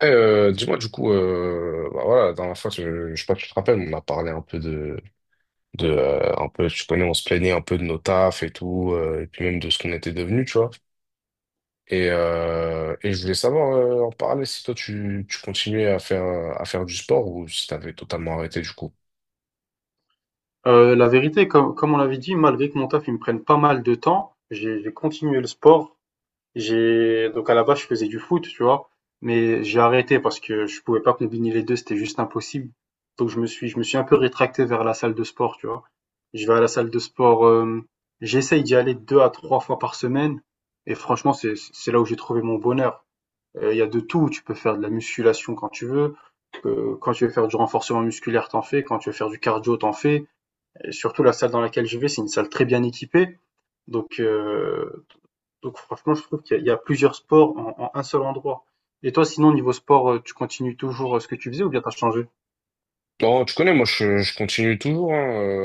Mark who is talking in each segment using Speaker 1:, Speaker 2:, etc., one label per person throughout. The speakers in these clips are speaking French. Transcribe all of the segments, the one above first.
Speaker 1: Dis-moi du coup, bah voilà, la dernière fois, je sais pas si tu te rappelles, on a parlé un peu de un peu, tu connais, on se plaignait un peu de nos tafs et tout, et puis même de ce qu'on était devenus, tu vois. Et je voulais savoir en parler si toi tu continuais à faire du sport ou si t'avais totalement arrêté du coup.
Speaker 2: La vérité, comme on l'avait dit, malgré que mon taf, il me prenne pas mal de temps, j'ai continué le sport. J'ai donc à la base, je faisais du foot, tu vois? Mais j'ai arrêté parce que je pouvais pas combiner les 2, c'était juste impossible. Donc je me suis un peu rétracté vers la salle de sport, tu vois? Je vais à la salle de sport, j'essaye d'y aller 2 à 3 fois par semaine et franchement, c'est là où j'ai trouvé mon bonheur. Il y a de tout, tu peux faire de la musculation quand tu veux faire du renforcement musculaire, t'en fais, quand tu veux faire du cardio, t'en fais. Et surtout, la salle dans laquelle je vais, c'est une salle très bien équipée. Donc, euh, donc franchement, je trouve il y a plusieurs sports en un seul endroit. Et toi, sinon, niveau sport, tu continues toujours ce que tu faisais ou bien t'as changé?
Speaker 1: Non, tu connais, moi je continue toujours, hein.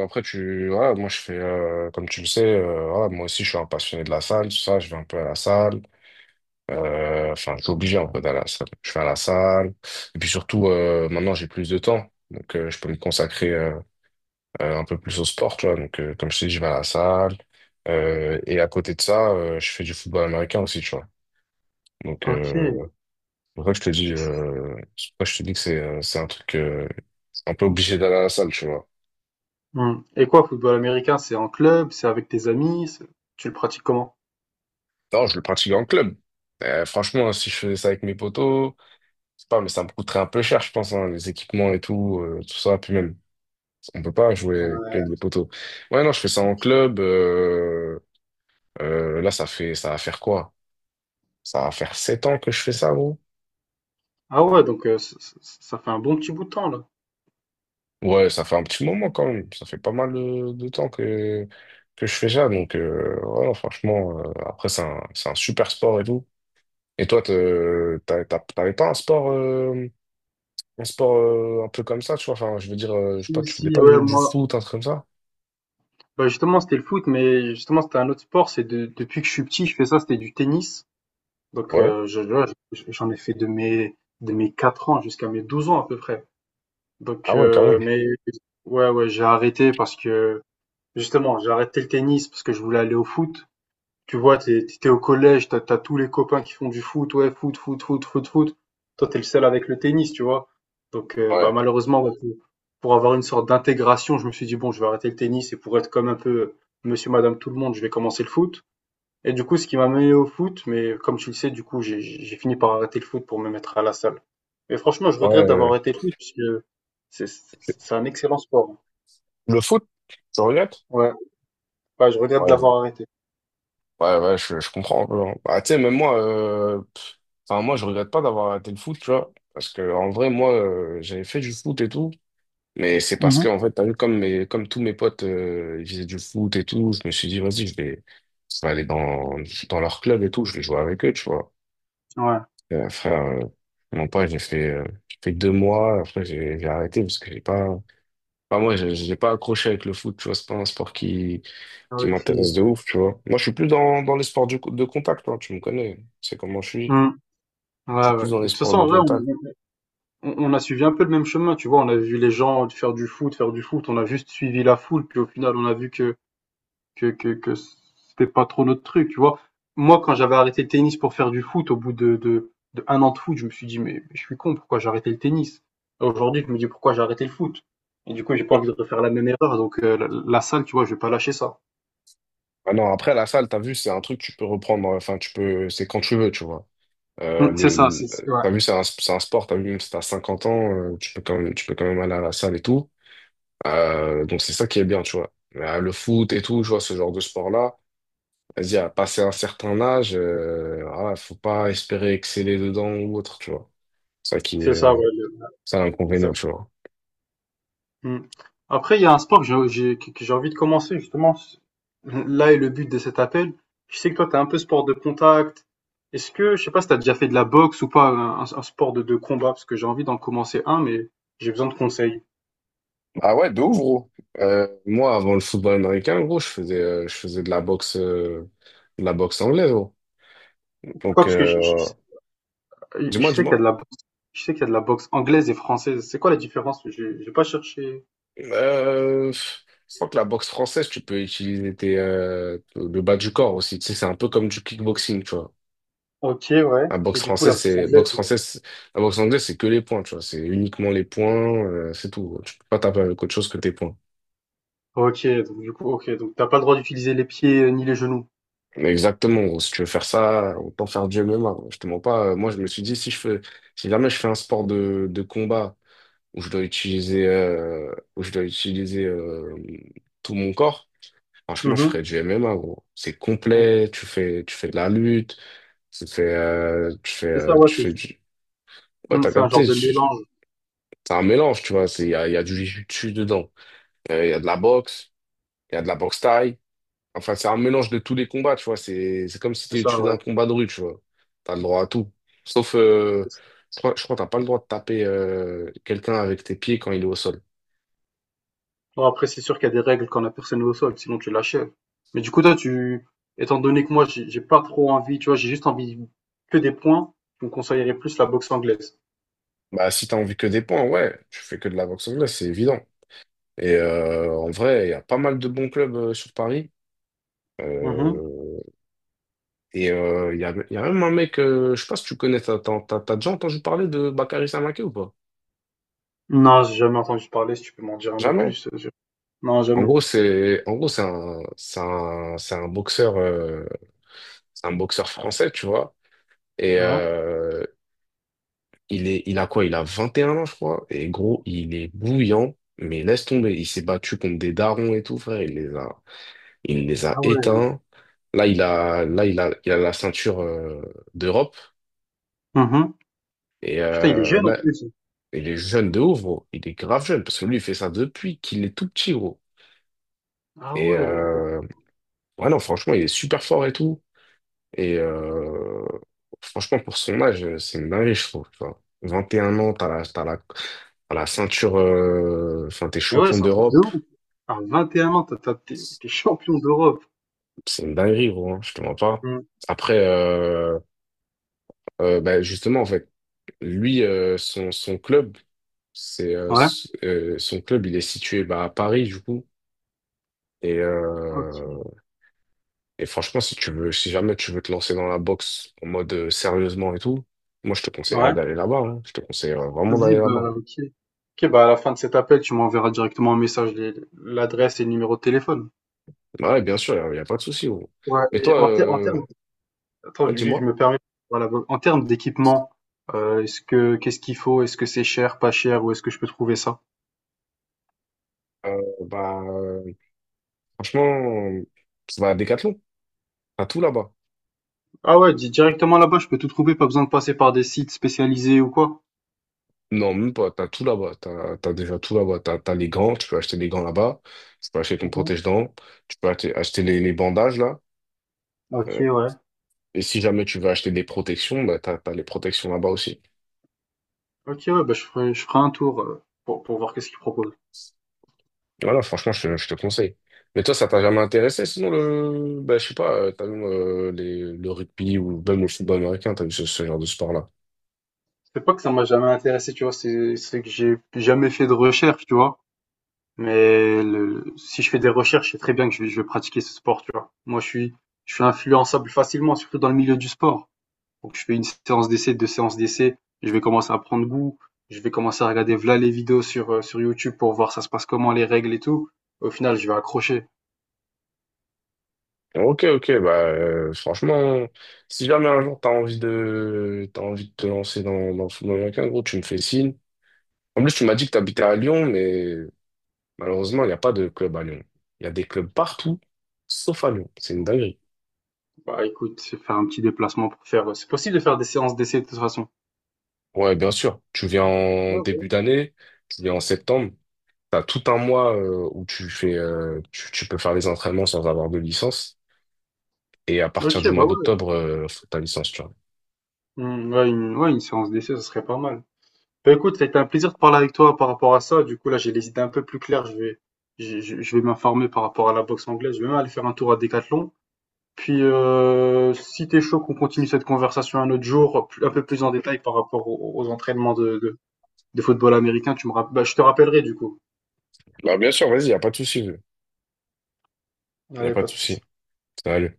Speaker 1: Après, voilà, moi je fais, comme tu le sais, voilà, moi aussi je suis un passionné de la salle, tout ça, je vais un peu à la salle. Enfin, je suis obligé en fait à la salle. Je vais à la salle. Et puis surtout, maintenant j'ai plus de temps. Donc je peux me consacrer un peu plus au sport, tu vois. Donc comme je t'ai dit, je vais à la salle. Et à côté de ça, je fais du football américain aussi, tu vois. Donc
Speaker 2: Ok.
Speaker 1: euh, c'est pour ça que je te dis, c'est pour ça que je te dis que c'est un truc un peu obligé d'aller à la salle, tu vois.
Speaker 2: Hmm. Et quoi, football américain, c'est en club, c'est avec tes amis, tu le pratiques comment?
Speaker 1: Non, je le pratique en club. Franchement, si je faisais ça avec mes potos, c'est pas, mais ça me coûterait un peu cher, je pense, hein, les équipements et tout, tout ça, puis même. On peut pas jouer avec des poteaux. Ouais, non, je fais ça en club. Là, ça fait, ça va faire quoi? Ça va faire sept ans que je fais ça, gros.
Speaker 2: Ah ouais, donc euh, ça fait un bon petit bout de temps là.
Speaker 1: Ouais, ça fait un petit moment quand même. Ça fait pas mal de temps que je fais ça. Donc, ouais, non, franchement, après, c'est un super sport et tout. Et toi, t'avais pas un sport, un peu comme ça, tu vois? Enfin, je veux dire, je sais
Speaker 2: Si,
Speaker 1: pas, tu faisais
Speaker 2: si,
Speaker 1: pas
Speaker 2: ouais,
Speaker 1: du
Speaker 2: moi,
Speaker 1: foot, un truc comme ça?
Speaker 2: bah justement, c'était le foot, mais justement, c'était un autre sport. C'est depuis que je suis petit, je fais ça, c'était du tennis. Donc,
Speaker 1: Ouais.
Speaker 2: euh, là, j'en ai fait de mes 4 ans jusqu'à mes 12 ans à peu près. Donc,
Speaker 1: Ah ouais, quand même.
Speaker 2: mais ouais, ouais, j'ai arrêté parce que justement, j'ai arrêté le tennis parce que je voulais aller au foot. Tu vois, t'es au collège, t'as tous les copains qui font du foot, ouais, foot, foot, foot, foot, foot. Toi, t'es le seul avec le tennis, tu vois. Donc, bah,
Speaker 1: Ouais.
Speaker 2: malheureusement, ouais, pour avoir une sorte d'intégration, je me suis dit, bon, je vais arrêter le tennis et pour être comme un peu monsieur, madame, tout le monde, je vais commencer le foot. Et du coup, ce qui m'a mené au foot, mais comme tu le sais, du coup, j'ai fini par arrêter le foot pour me mettre à la salle. Mais franchement, je
Speaker 1: Ouais.
Speaker 2: regrette d'avoir
Speaker 1: euh,
Speaker 2: arrêté le foot parce que c'est un excellent sport.
Speaker 1: Le foot, tu regrettes?
Speaker 2: Ouais, ouais, je regrette de
Speaker 1: Ouais,
Speaker 2: l'avoir arrêté.
Speaker 1: ouais, ouais, je comprends un peu, hein. Bah, tu sais, même moi, enfin, moi, je regrette pas d'avoir arrêté le foot, tu vois. Parce que, en vrai, moi, j'avais fait du foot et tout. Mais c'est parce
Speaker 2: Mhm.
Speaker 1: que, en fait, t'as vu, comme tous mes potes, ils faisaient du foot et tout, je me suis dit, vas-y, je vais aller dans leur club et tout, je vais jouer avec eux, tu vois.
Speaker 2: Ouais.
Speaker 1: Et, frère, non pas, j'ai fait deux mois, après, j'ai arrêté parce que j'ai pas, enfin, moi, j'ai pas accroché avec le foot, tu vois, c'est pas un sport
Speaker 2: Ah,
Speaker 1: qui m'intéresse
Speaker 2: ok.
Speaker 1: de ouf, tu vois. Moi, je suis plus dans les sports de contact, hein, tu me connais, c'est comment je suis.
Speaker 2: Hmm.
Speaker 1: Je
Speaker 2: Ouais,
Speaker 1: suis
Speaker 2: ouais.
Speaker 1: plus dans
Speaker 2: Mais de
Speaker 1: les
Speaker 2: toute
Speaker 1: sports
Speaker 2: façon,
Speaker 1: de
Speaker 2: en vrai,
Speaker 1: contact.
Speaker 2: on a suivi un peu le même chemin, tu vois. On a vu les gens faire du foot, faire du foot. On a juste suivi la foule, puis au final, on a vu que c'était pas trop notre truc, tu vois. Moi, quand j'avais arrêté le tennis pour faire du foot, au bout de un an de foot, je me suis dit, mais, je suis con, pourquoi j'ai arrêté le tennis? Aujourd'hui, je me dis, pourquoi j'ai arrêté le foot? Et du coup, j'ai pas envie de refaire la même erreur, donc euh, la salle, tu vois, je vais pas lâcher ça.
Speaker 1: Ah non, après, la salle, t'as vu, c'est un truc que tu peux reprendre, enfin, tu peux, c'est quand tu veux, tu vois.
Speaker 2: Mm,
Speaker 1: Euh,
Speaker 2: c'est
Speaker 1: le,
Speaker 2: ça,
Speaker 1: le-
Speaker 2: ouais.
Speaker 1: T'as vu, c'est un sport, t'as vu, même si t'as 50 ans, tu peux quand même, tu peux quand même aller à la salle et tout. Donc, c'est ça qui est bien, tu vois. Le foot et tout, tu vois, ce genre de sport-là. Vas-y, à passer un certain âge, voilà, faut pas espérer exceller dedans ou autre, tu vois. C'est Ça qui
Speaker 2: C'est
Speaker 1: est,
Speaker 2: ça, ouais,
Speaker 1: Ça, l'inconvénient,
Speaker 2: exact.
Speaker 1: tu vois.
Speaker 2: Mmh. Après, il y a un sport que j'ai envie de commencer, justement. Là est le but de cet appel. Je sais que toi, tu es un peu sport de contact. Je sais pas si tu as déjà fait de la boxe ou pas, un sport de combat, parce que j'ai envie d'en commencer un, mais j'ai besoin de conseils.
Speaker 1: Ah ouais, de ouf, gros. Moi, avant le football américain, gros, je faisais de la boxe anglaise, gros.
Speaker 2: Pourquoi?
Speaker 1: Donc,
Speaker 2: Parce que
Speaker 1: dis-moi,
Speaker 2: je sais qu'il y a
Speaker 1: dis-moi.
Speaker 2: de la boxe, je sais qu'il y a de la boxe anglaise et française. C'est quoi la différence? J'ai pas cherché.
Speaker 1: Je crois que la boxe française, tu peux utiliser le bas du corps aussi. Tu sais, c'est un peu comme du kickboxing, tu vois.
Speaker 2: Ok, ouais.
Speaker 1: La
Speaker 2: Et
Speaker 1: boxe
Speaker 2: du coup, la
Speaker 1: française,
Speaker 2: boxe
Speaker 1: c'est boxe
Speaker 2: anglaise.
Speaker 1: française, la boxe anglaise, c'est que les points, tu vois. C'est uniquement les points, c'est tout, gros. Tu peux pas taper avec autre chose que tes points.
Speaker 2: Ok, donc du coup, ok. Donc t'as pas le droit d'utiliser les pieds ni les genoux.
Speaker 1: Mais exactement, gros. Si tu veux faire ça, autant faire du MMA, gros. Je te mens pas. Moi, je me suis dit, si jamais je fais un sport de combat où je dois utiliser, tout mon corps, franchement, je ferais
Speaker 2: Mhm.
Speaker 1: du MMA, gros. C'est
Speaker 2: Ouais.
Speaker 1: complet. Tu fais de la lutte. Tu fais,
Speaker 2: C'est ça, ouais.
Speaker 1: tu fais du. Ouais, t'as
Speaker 2: C'est un genre
Speaker 1: capté.
Speaker 2: de mélange.
Speaker 1: C'est un mélange, tu vois. C'est, il y a du jiu-jitsu dedans. Il y a de la boxe, il y a de la boxe thaï. Enfin, c'est un mélange de tous les combats, tu vois. C'est comme si
Speaker 2: C'est
Speaker 1: tu
Speaker 2: ça,
Speaker 1: faisais
Speaker 2: ouais.
Speaker 1: un combat de rue, tu vois. T'as le droit à tout. Sauf,
Speaker 2: C'est ça.
Speaker 1: je crois que t'as pas le droit de taper quelqu'un avec tes pieds quand il est au sol.
Speaker 2: Bon, après, c'est sûr qu'il y a des règles quand la personne est au sol, sinon tu l'achèves. Mais du coup, toi, tu, étant donné que moi, j'ai pas trop envie, tu vois, j'ai juste envie que des points, tu me conseillerais plus la boxe anglaise.
Speaker 1: Bah, si t'as envie que des points, ouais, tu fais que de la boxe anglaise, c'est évident. Et en vrai, il y a pas mal de bons clubs sur Paris.
Speaker 2: Mhm.
Speaker 1: Euh, il y a, il y a même un mec, je sais pas si tu connais, t'as déjà entendu parler de Bakary Samaké ou pas?
Speaker 2: Non, j'ai jamais entendu parler, si tu peux m'en dire un peu
Speaker 1: Jamais?
Speaker 2: plus. Non,
Speaker 1: En
Speaker 2: jamais.
Speaker 1: gros, c'est un c'est un c'est un boxeur français, tu vois. Et
Speaker 2: Ouais.
Speaker 1: euh, il a quoi? Il a 21 ans, je crois. Et gros, il est bouillant, mais laisse tomber, il s'est battu contre des darons et tout, frère, il les a
Speaker 2: Ah ouais.
Speaker 1: éteints. Là, il a il a la ceinture d'Europe
Speaker 2: Mhm.
Speaker 1: et
Speaker 2: Putain, il est
Speaker 1: euh,
Speaker 2: jeune en
Speaker 1: là,
Speaker 2: plus.
Speaker 1: il est jeune de ouf, gros. Il est grave jeune parce que lui, il fait ça depuis qu'il est tout petit, gros.
Speaker 2: Ah
Speaker 1: Et
Speaker 2: ouais.
Speaker 1: euh, ouais, non, franchement, il est super fort et tout. Et euh, Franchement, pour son âge, c'est une dinguerie, je trouve, tu vois. 21 ans, t'as la ceinture, enfin, t'es
Speaker 2: Mais ouais,
Speaker 1: champion
Speaker 2: c'est un truc de
Speaker 1: d'Europe.
Speaker 2: ouf. À 21 ans, t'es champion d'Europe.
Speaker 1: C'est une dinguerie, gros, hein, je te mens pas.
Speaker 2: Mhm.
Speaker 1: Après, euh, Justement, en fait, lui, son club, c'est,
Speaker 2: Ouais.
Speaker 1: son club, il est situé bah, à Paris, du coup. Et,
Speaker 2: Ok.
Speaker 1: euh, et franchement, si tu veux, si jamais tu veux te lancer dans la boxe en mode sérieusement et tout, moi, je te conseillerais
Speaker 2: Ouais.
Speaker 1: d'aller là-bas, hein. Je te conseille vraiment
Speaker 2: Vas-y,
Speaker 1: d'aller
Speaker 2: bah,
Speaker 1: là-bas.
Speaker 2: ok. Ok, bah, à la fin de cet appel, tu m'enverras directement un message, l'adresse et le numéro de téléphone.
Speaker 1: Bah ouais, bien sûr, y a pas de souci, gros.
Speaker 2: Ouais,
Speaker 1: Mais
Speaker 2: et
Speaker 1: toi,
Speaker 2: en termes, attends, juste, je
Speaker 1: dis-moi,
Speaker 2: me permets, voilà, en termes d'équipement, qu'est-ce qu'il faut? Est-ce que c'est cher, pas cher, où est-ce que je peux trouver ça?
Speaker 1: euh, bah, euh, franchement, tu vas à Decathlon, t'as tout là-bas.
Speaker 2: Ah ouais, directement là-bas, je peux tout trouver, pas besoin de passer par des sites spécialisés ou quoi?
Speaker 1: Non, même pas, t'as tout là-bas, t'as déjà tout là-bas. T'as, t'as les gants, tu peux acheter les gants là-bas, tu peux acheter ton
Speaker 2: Mhm.
Speaker 1: protège-dents, acheter les bandages là.
Speaker 2: Ok,
Speaker 1: Euh,
Speaker 2: ouais.
Speaker 1: et si jamais tu veux acheter des protections, bah, t'as les protections là-bas aussi.
Speaker 2: Ok, ouais, bah, je ferai un tour, pour voir qu'est-ce qu'ils proposent.
Speaker 1: Voilà, franchement, je te conseille. Mais toi, ça t'a jamais intéressé, sinon le, bah, je sais pas, t'as vu le rugby ou même le football américain, t'as vu ce genre de sport-là.
Speaker 2: C'est pas que ça m'a jamais intéressé, tu vois, c'est que j'ai jamais fait de recherche, tu vois. Mais le, si je fais des recherches, je sais très bien que je vais pratiquer ce sport, tu vois. Moi, je suis influençable facilement, surtout dans le milieu du sport. Donc, je fais une séance d'essai, deux séances d'essai, je vais commencer à prendre goût, je vais commencer à regarder voilà les vidéos sur YouTube pour voir ça se passe comment, les règles et tout. Au final, je vais accrocher.
Speaker 1: Ok, ok, bah franchement, si jamais un jour t'as envie de te lancer dans le football américain, gros, tu me fais signe. En plus, tu m'as dit que t'habitais à Lyon, mais malheureusement, il n'y a pas de club à Lyon. Il y a des clubs partout, sauf à Lyon. C'est une dinguerie.
Speaker 2: Bah, écoute, je vais faire un petit déplacement pour faire, c'est possible de faire des séances d'essai de toute façon.
Speaker 1: Ouais, bien sûr. Tu viens en
Speaker 2: Ouais, ouais.
Speaker 1: début d'année, tu viens en septembre. T'as tout un mois où tu fais, tu peux faire les entraînements sans avoir de licence. Et à partir
Speaker 2: Ok,
Speaker 1: du mois
Speaker 2: bah ouais.
Speaker 1: d'octobre, faut ta licence, tu vois.
Speaker 2: Hmm, ouais, une séance d'essai, ça serait pas mal. Bah écoute, ça a été un plaisir de parler avec toi par rapport à ça. Du coup, là, j'ai les idées un peu plus claires. Je vais m'informer par rapport à la boxe anglaise. Je vais même aller faire un tour à Decathlon. Puis, si t'es chaud, qu'on continue cette conversation un autre jour, un peu plus en détail par rapport aux entraînements de football américain, bah, je te rappellerai du coup.
Speaker 1: Bah, bien sûr, vas-y, y a pas de souci. Y a
Speaker 2: Allez,
Speaker 1: pas
Speaker 2: pas
Speaker 1: de
Speaker 2: de souci.
Speaker 1: souci. Salut.